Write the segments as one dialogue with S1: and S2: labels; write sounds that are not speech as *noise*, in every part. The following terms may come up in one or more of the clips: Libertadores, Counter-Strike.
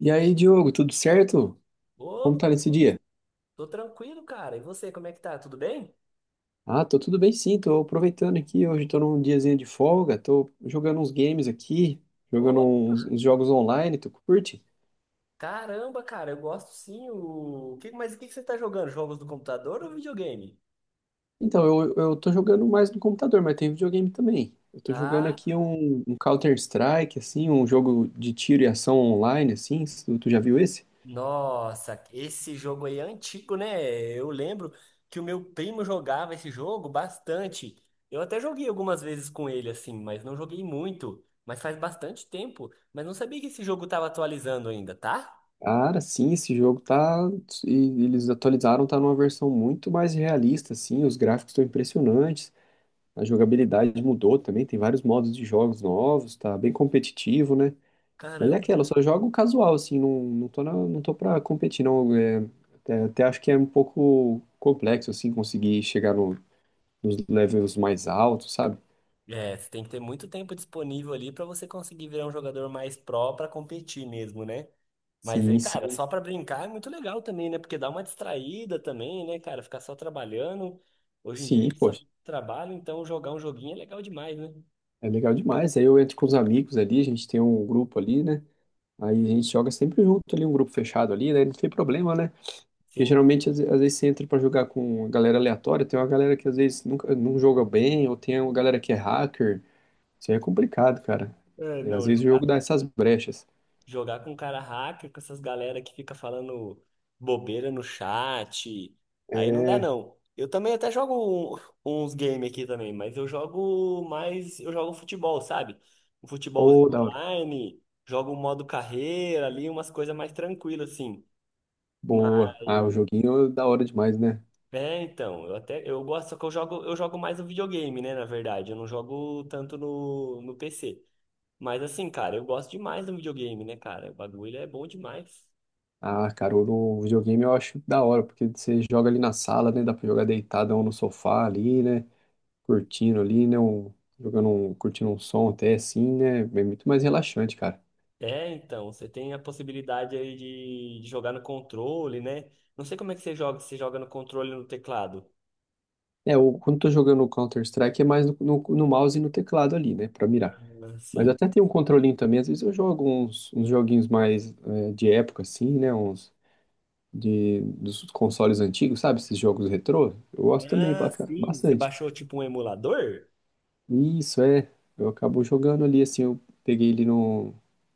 S1: E aí, Diogo, tudo certo? Como
S2: Opa,
S1: tá nesse dia?
S2: tô tranquilo, cara. E você, como é que tá? Tudo bem?
S1: Ah, tô tudo bem sim, tô aproveitando aqui, hoje tô num diazinho de folga, tô jogando uns games aqui, jogando
S2: Ô,
S1: uns jogos online, tu curte?
S2: caramba, cara, eu gosto sim. Mas o que que você tá jogando? Jogos do computador ou videogame?
S1: Então, eu tô jogando mais no computador, mas tem videogame também. Eu tô jogando
S2: Ah,
S1: aqui um Counter-Strike, assim, um jogo de tiro e ação online, assim, tu já viu esse?
S2: nossa, esse jogo aí é antigo, né? Eu lembro que o meu primo jogava esse jogo bastante. Eu até joguei algumas vezes com ele, assim, mas não joguei muito. Mas faz bastante tempo. Mas não sabia que esse jogo tava atualizando ainda, tá?
S1: Cara, sim, esse jogo tá. e Eles atualizaram, tá numa versão muito mais realista, assim. Os gráficos estão impressionantes. A jogabilidade mudou também, tem vários modos de jogos novos, tá bem competitivo, né? Mas é
S2: Caramba.
S1: aquela, eu só jogo casual, assim, não, não tô pra competir, não. Até acho que é um pouco complexo, assim, conseguir chegar nos levels mais altos, sabe?
S2: É, você tem que ter muito tempo disponível ali pra você conseguir virar um jogador mais pró pra competir mesmo, né? Mas,
S1: Sim,
S2: cara,
S1: sim,
S2: só pra brincar é muito legal também, né? Porque dá uma distraída também, né, cara? Ficar só trabalhando. Hoje em dia a
S1: sim,
S2: gente só
S1: poxa,
S2: trabalha, então jogar um joguinho é legal demais, né?
S1: é legal demais. Aí eu entro com os amigos ali, a gente tem um grupo ali, né? Aí a gente joga sempre junto ali, um grupo fechado ali, né? Não tem problema, né? Porque
S2: Sim.
S1: geralmente, às vezes, você entra pra jogar com uma galera aleatória, tem uma galera que às vezes nunca, não joga bem, ou tem uma galera que é hacker. Isso aí é complicado, cara.
S2: É,
S1: É, às
S2: não,
S1: vezes o jogo
S2: jogar
S1: dá essas brechas.
S2: Jogar com cara hacker, com essas galera que fica falando bobeira no chat. Aí não dá,
S1: É.
S2: não. Eu também até jogo uns games aqui também, mas eu jogo mais. Eu jogo futebol, sabe? Um futebolzinho
S1: Ô, da hora.
S2: online, jogo um modo carreira ali, umas coisas mais tranquilas, assim. Mas,
S1: Boa. Ah, o joguinho é da hora demais, né?
S2: é, então, eu até. Eu gosto, só que eu jogo mais no videogame, né? Na verdade, eu não jogo tanto no PC. Mas assim, cara, eu gosto demais do videogame, né, cara? O bagulho é bom demais.
S1: Ah, cara, o videogame eu acho da hora, porque você joga ali na sala, né? Dá pra jogar deitado ou no sofá ali, né? Curtindo ali, né? Jogando um, curtindo um som até assim, né? É muito mais relaxante, cara.
S2: É, então, você tem a possibilidade aí de jogar no controle, né? Não sei como é que você joga, se você joga no controle ou no teclado.
S1: É, quando tô jogando o Counter-Strike é mais no mouse e no teclado ali, né, pra mirar.
S2: Ah,
S1: Mas
S2: sim.
S1: até tem um controlinho também, às vezes eu jogo uns joguinhos mais de época, assim, né, dos consoles antigos, sabe, esses jogos retrô, eu gosto também
S2: Ah,
S1: pra
S2: sim. Você
S1: bastante.
S2: baixou tipo um emulador?
S1: Isso, é, eu acabo jogando ali, assim, eu peguei ele num,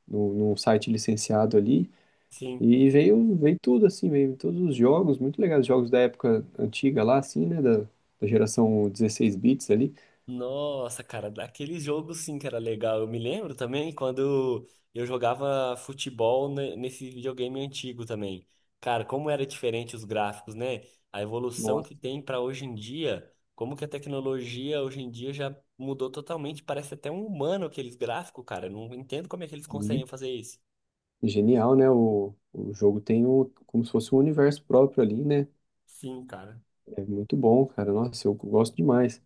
S1: num, num site licenciado ali,
S2: Sim.
S1: e veio, veio tudo, assim, veio todos os jogos, muito legais, jogos da época antiga lá, assim, né, da, da geração 16 bits ali.
S2: Nossa, cara, daquele jogo sim que era legal. Eu me lembro também quando eu jogava futebol nesse videogame antigo também. Cara, como era diferente os gráficos, né? A evolução que
S1: Nossa,
S2: tem pra hoje em dia, como que a tecnologia hoje em dia já mudou totalmente. Parece até um humano aqueles gráficos, cara. Eu não entendo como é que eles conseguem fazer isso.
S1: genial, né? O jogo tem um, como se fosse um universo próprio ali, né?
S2: Sim, cara.
S1: É muito bom, cara. Nossa, eu gosto demais.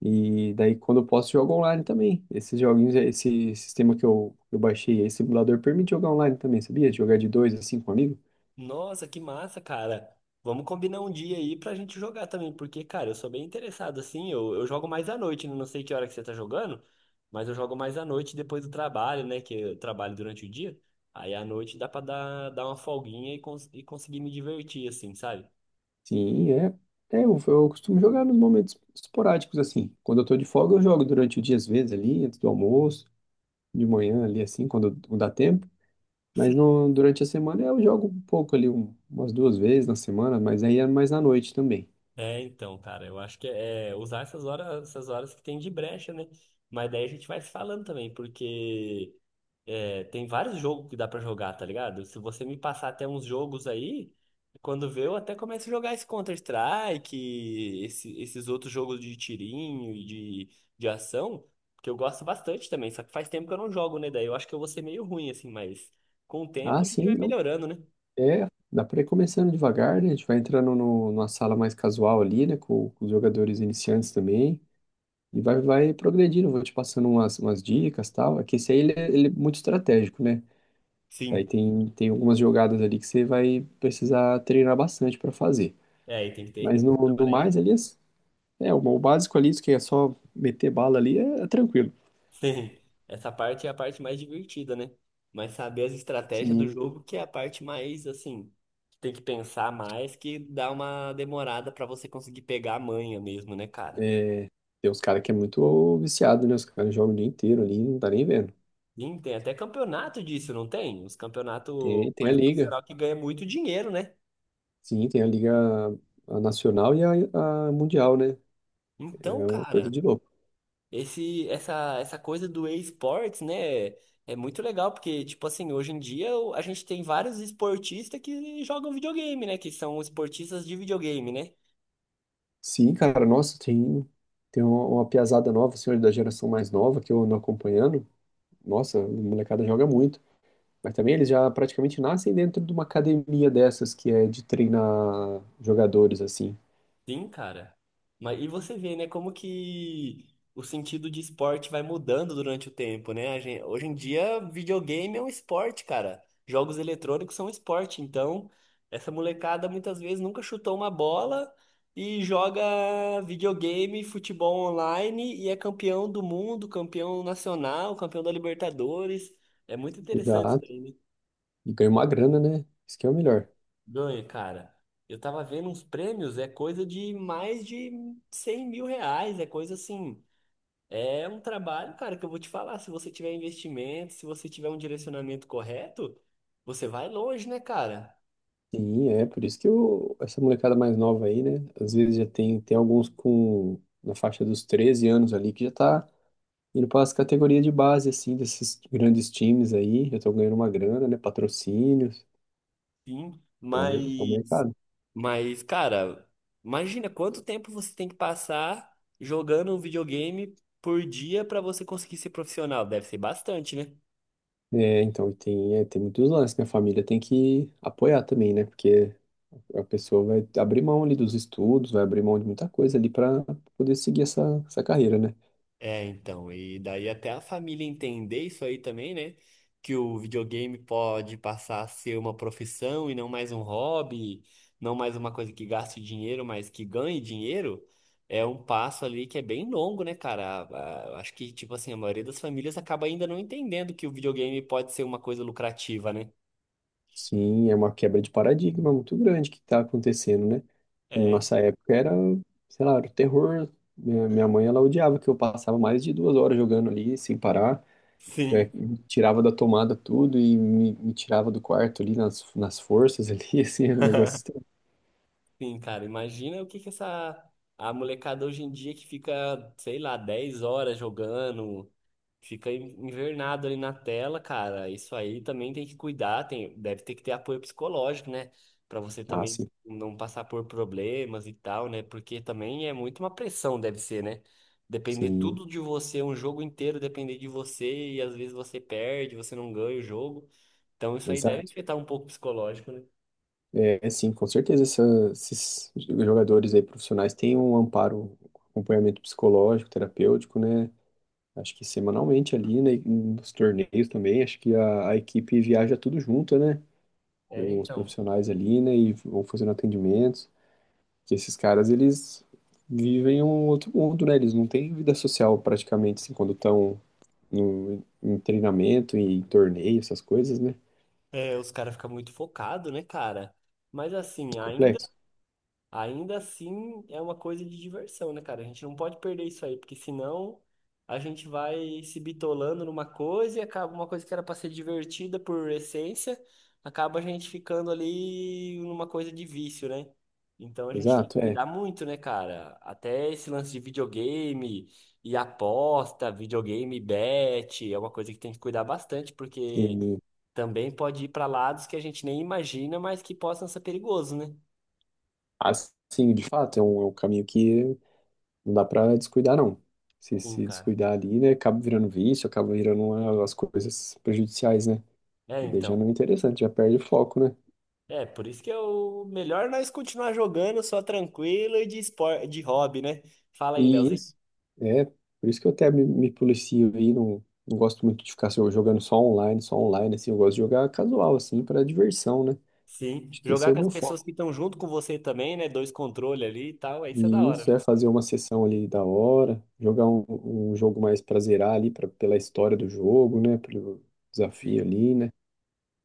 S1: E daí, quando eu posso, jogo online também. Esses joguinhos, esse sistema que eu baixei, esse simulador, permite jogar online também, sabia? Jogar de dois, assim, com um amigo.
S2: Nossa, que massa, cara. Vamos combinar um dia aí pra gente jogar também, porque, cara, eu sou bem interessado, assim, eu jogo mais à noite, né? Não sei que hora que você tá jogando, mas eu jogo mais à noite depois do trabalho, né, que eu trabalho durante o dia, aí à noite dá pra dar uma folguinha e, conseguir me divertir, assim, sabe?
S1: Sim, é. É, eu costumo jogar nos momentos esporádicos, assim. Quando eu tô de folga, eu jogo durante o dia, às vezes, ali, antes do almoço, de manhã, ali, assim, quando dá tempo. Mas no, durante a semana eu jogo um pouco ali, umas duas vezes na semana, mas aí é mais à noite também.
S2: É, então, cara, eu acho que é usar essas horas que tem de brecha, né? Mas daí a gente vai se falando também, porque é, tem vários jogos que dá pra jogar, tá ligado? Se você me passar até uns jogos aí, quando vê, eu até começo a jogar esse Counter-Strike, esses outros jogos de tirinho e de ação, que eu gosto bastante também. Só que faz tempo que eu não jogo, né? Daí eu acho que eu vou ser meio ruim, assim, mas com o
S1: Ah,
S2: tempo a gente
S1: sim,
S2: vai
S1: não.
S2: melhorando, né?
S1: É, dá pra ir começando devagar, né? A gente vai entrando no, numa sala mais casual ali, né? Com os jogadores iniciantes também. E vai, vai progredindo, vou te passando umas dicas e tal. É que esse aí ele é muito estratégico, né? Daí
S2: Sim.
S1: tem, tem algumas jogadas ali que você vai precisar treinar bastante pra fazer.
S2: É, aí tem que
S1: Mas
S2: ter.
S1: no
S2: Trabalhar.
S1: mais ali, é, é, o básico ali, isso que é só meter bala ali, é, é tranquilo.
S2: Sim, essa parte é a parte mais divertida, né? Mas saber as estratégias do
S1: Sim,
S2: jogo que é a parte mais assim, que tem que pensar mais, que dá uma demorada pra você conseguir pegar a manha mesmo, né, cara?
S1: tem uns caras que é muito viciado, né? Os caras jogam o dia inteiro ali, não tá nem vendo.
S2: Sim, tem até campeonato disso, não tem? Os campeonatos
S1: Tem, tem a
S2: mais
S1: liga.
S2: profissional que ganha muito dinheiro, né?
S1: Sim, tem a liga a nacional e a mundial, né?
S2: Então,
S1: É uma coisa
S2: cara,
S1: de louco.
S2: esse essa essa coisa do e-sports, né, é muito legal porque tipo assim, hoje em dia a gente tem vários esportistas que jogam videogame, né, que são esportistas de videogame, né?
S1: Sim, cara, nossa, tem, tem uma piazada nova, senhor da geração mais nova que eu ando acompanhando. Nossa, a molecada joga muito. Mas também eles já praticamente nascem dentro de uma academia dessas que é de treinar jogadores, assim.
S2: Sim, cara. Mas e você vê, né, como que o sentido de esporte vai mudando durante o tempo, né? Hoje em dia, videogame é um esporte, cara. Jogos eletrônicos são um esporte. Então, essa molecada muitas vezes nunca chutou uma bola e joga videogame, futebol online e é campeão do mundo, campeão nacional, campeão da Libertadores. É muito interessante isso
S1: Exato.
S2: aí, né?
S1: E ganha uma grana, né? Isso que é o melhor.
S2: Ganha, cara. Eu tava vendo uns prêmios, é coisa de mais de R$ 100.000, é coisa assim. É um trabalho, cara, que eu vou te falar. Se você tiver investimento, se você tiver um direcionamento correto, você vai longe, né, cara?
S1: Sim, é por isso que eu, essa molecada mais nova aí, né? Às vezes já tem, tem alguns com na faixa dos 13 anos ali que já tá indo para as categorias de base, assim, desses grandes times aí, já estão ganhando uma grana, né? Patrocínios,
S2: Sim.
S1: é um
S2: Mas,
S1: mercado.
S2: cara, imagina quanto tempo você tem que passar jogando um videogame por dia pra você conseguir ser profissional. Deve ser bastante, né?
S1: É, então, e tem, é, tem muitos lances que a família tem que apoiar também, né? Porque a pessoa vai abrir mão ali dos estudos, vai abrir mão de muita coisa ali para poder seguir essa, essa carreira, né?
S2: É, então, e daí até a família entender isso aí também, né? Que o videogame pode passar a ser uma profissão e não mais um hobby, não mais uma coisa que gaste dinheiro, mas que ganhe dinheiro, é um passo ali que é bem longo, né, cara? Acho que, tipo assim, a maioria das famílias acaba ainda não entendendo que o videogame pode ser uma coisa lucrativa, né?
S1: Sim, é uma quebra de paradigma muito grande que está acontecendo, né? Na
S2: É,
S1: nossa época era, sei lá, era o terror. Minha mãe, ela odiava que eu passava mais de 2 horas jogando ali sem parar. Já
S2: sim.
S1: me tirava da tomada tudo e me tirava do quarto ali nas forças ali, *laughs* assim, é um negócio estranho.
S2: Sim, cara, imagina o que que essa a molecada hoje em dia que fica, sei lá, 10 horas jogando, fica invernado ali na tela, cara. Isso aí também tem que cuidar, tem, deve ter que ter apoio psicológico, né? Pra você
S1: Ah,
S2: também
S1: sim,
S2: não passar por problemas e tal, né? Porque também é muito uma pressão, deve ser, né? Depender
S1: sim,
S2: tudo de você, um jogo inteiro depender de você, e às vezes você perde, você não ganha o jogo. Então isso aí deve
S1: exato.
S2: afetar um pouco o psicológico, né?
S1: É, é sim, com certeza esses jogadores aí profissionais têm um amparo, um acompanhamento psicológico, terapêutico, né? Acho que semanalmente ali, né, e nos torneios também, acho que a equipe viaja tudo junto, né?
S2: É,
S1: Os
S2: então.
S1: profissionais ali, né, e vão fazendo atendimentos. Que esses caras, eles vivem um outro mundo, né? Eles não têm vida social praticamente, assim, quando estão no, em treinamento, em torneio, essas coisas, né?
S2: É, os caras ficam muito focados, né, cara? Mas assim, ainda
S1: Complexo.
S2: Ainda assim, é uma coisa de diversão, né, cara? A gente não pode perder isso aí, porque senão a gente vai se bitolando numa coisa e acaba uma coisa que era para ser divertida por essência, acaba a gente ficando ali numa coisa de vício, né? Então a gente tem que
S1: Exato, é.
S2: cuidar muito, né, cara? Até esse lance de videogame e aposta, videogame bet, é uma coisa que tem que cuidar bastante, porque
S1: E,
S2: também pode ir para lados que a gente nem imagina, mas que possam ser perigosos, né?
S1: assim, de fato, é um caminho que não dá pra descuidar, não. Se
S2: Sim,
S1: se
S2: cara.
S1: descuidar ali, né, acaba virando vício, acaba virando uma, as coisas prejudiciais, né?
S2: É,
S1: E daí já
S2: então.
S1: não é interessante, já perde o foco, né?
S2: É, por isso que é o melhor nós continuar jogando só tranquilo e de de hobby, né? Fala aí,
S1: E
S2: Leozinho.
S1: isso, é, por isso que eu até me policio aí, não, não gosto muito de ficar só jogando só online, assim, eu gosto de jogar casual, assim, para diversão, né?
S2: Sim.
S1: Acho que esse é
S2: Jogar
S1: o
S2: com as
S1: meu
S2: pessoas
S1: foco.
S2: que estão junto com você também, né? Dois controles ali e tal, aí isso é da
S1: E
S2: hora,
S1: isso
S2: né?
S1: é fazer uma sessão ali da hora, jogar um, um jogo mais pra zerar ali, pra, pela história do jogo, né? Pelo desafio
S2: Sim.
S1: ali, né?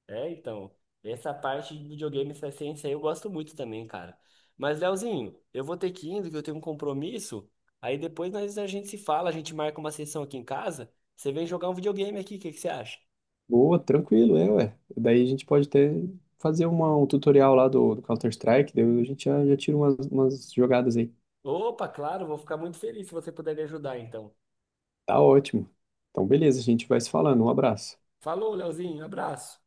S2: É, então. Essa parte de videogame, essa essência aí eu gosto muito também, cara. Mas, Leozinho, eu vou ter que ir indo, que eu tenho um compromisso. Aí depois a gente se fala, a gente marca uma sessão aqui em casa. Você vem jogar um videogame aqui, o que que você acha?
S1: Boa, tranquilo, é, ué. Daí a gente pode até fazer uma, um tutorial lá do Counter-Strike, daí a gente já, já tira umas jogadas aí.
S2: Opa, claro, vou ficar muito feliz se você puder me ajudar, então.
S1: Tá ótimo. Então, beleza, a gente vai se falando. Um abraço.
S2: Falou, Leozinho, abraço.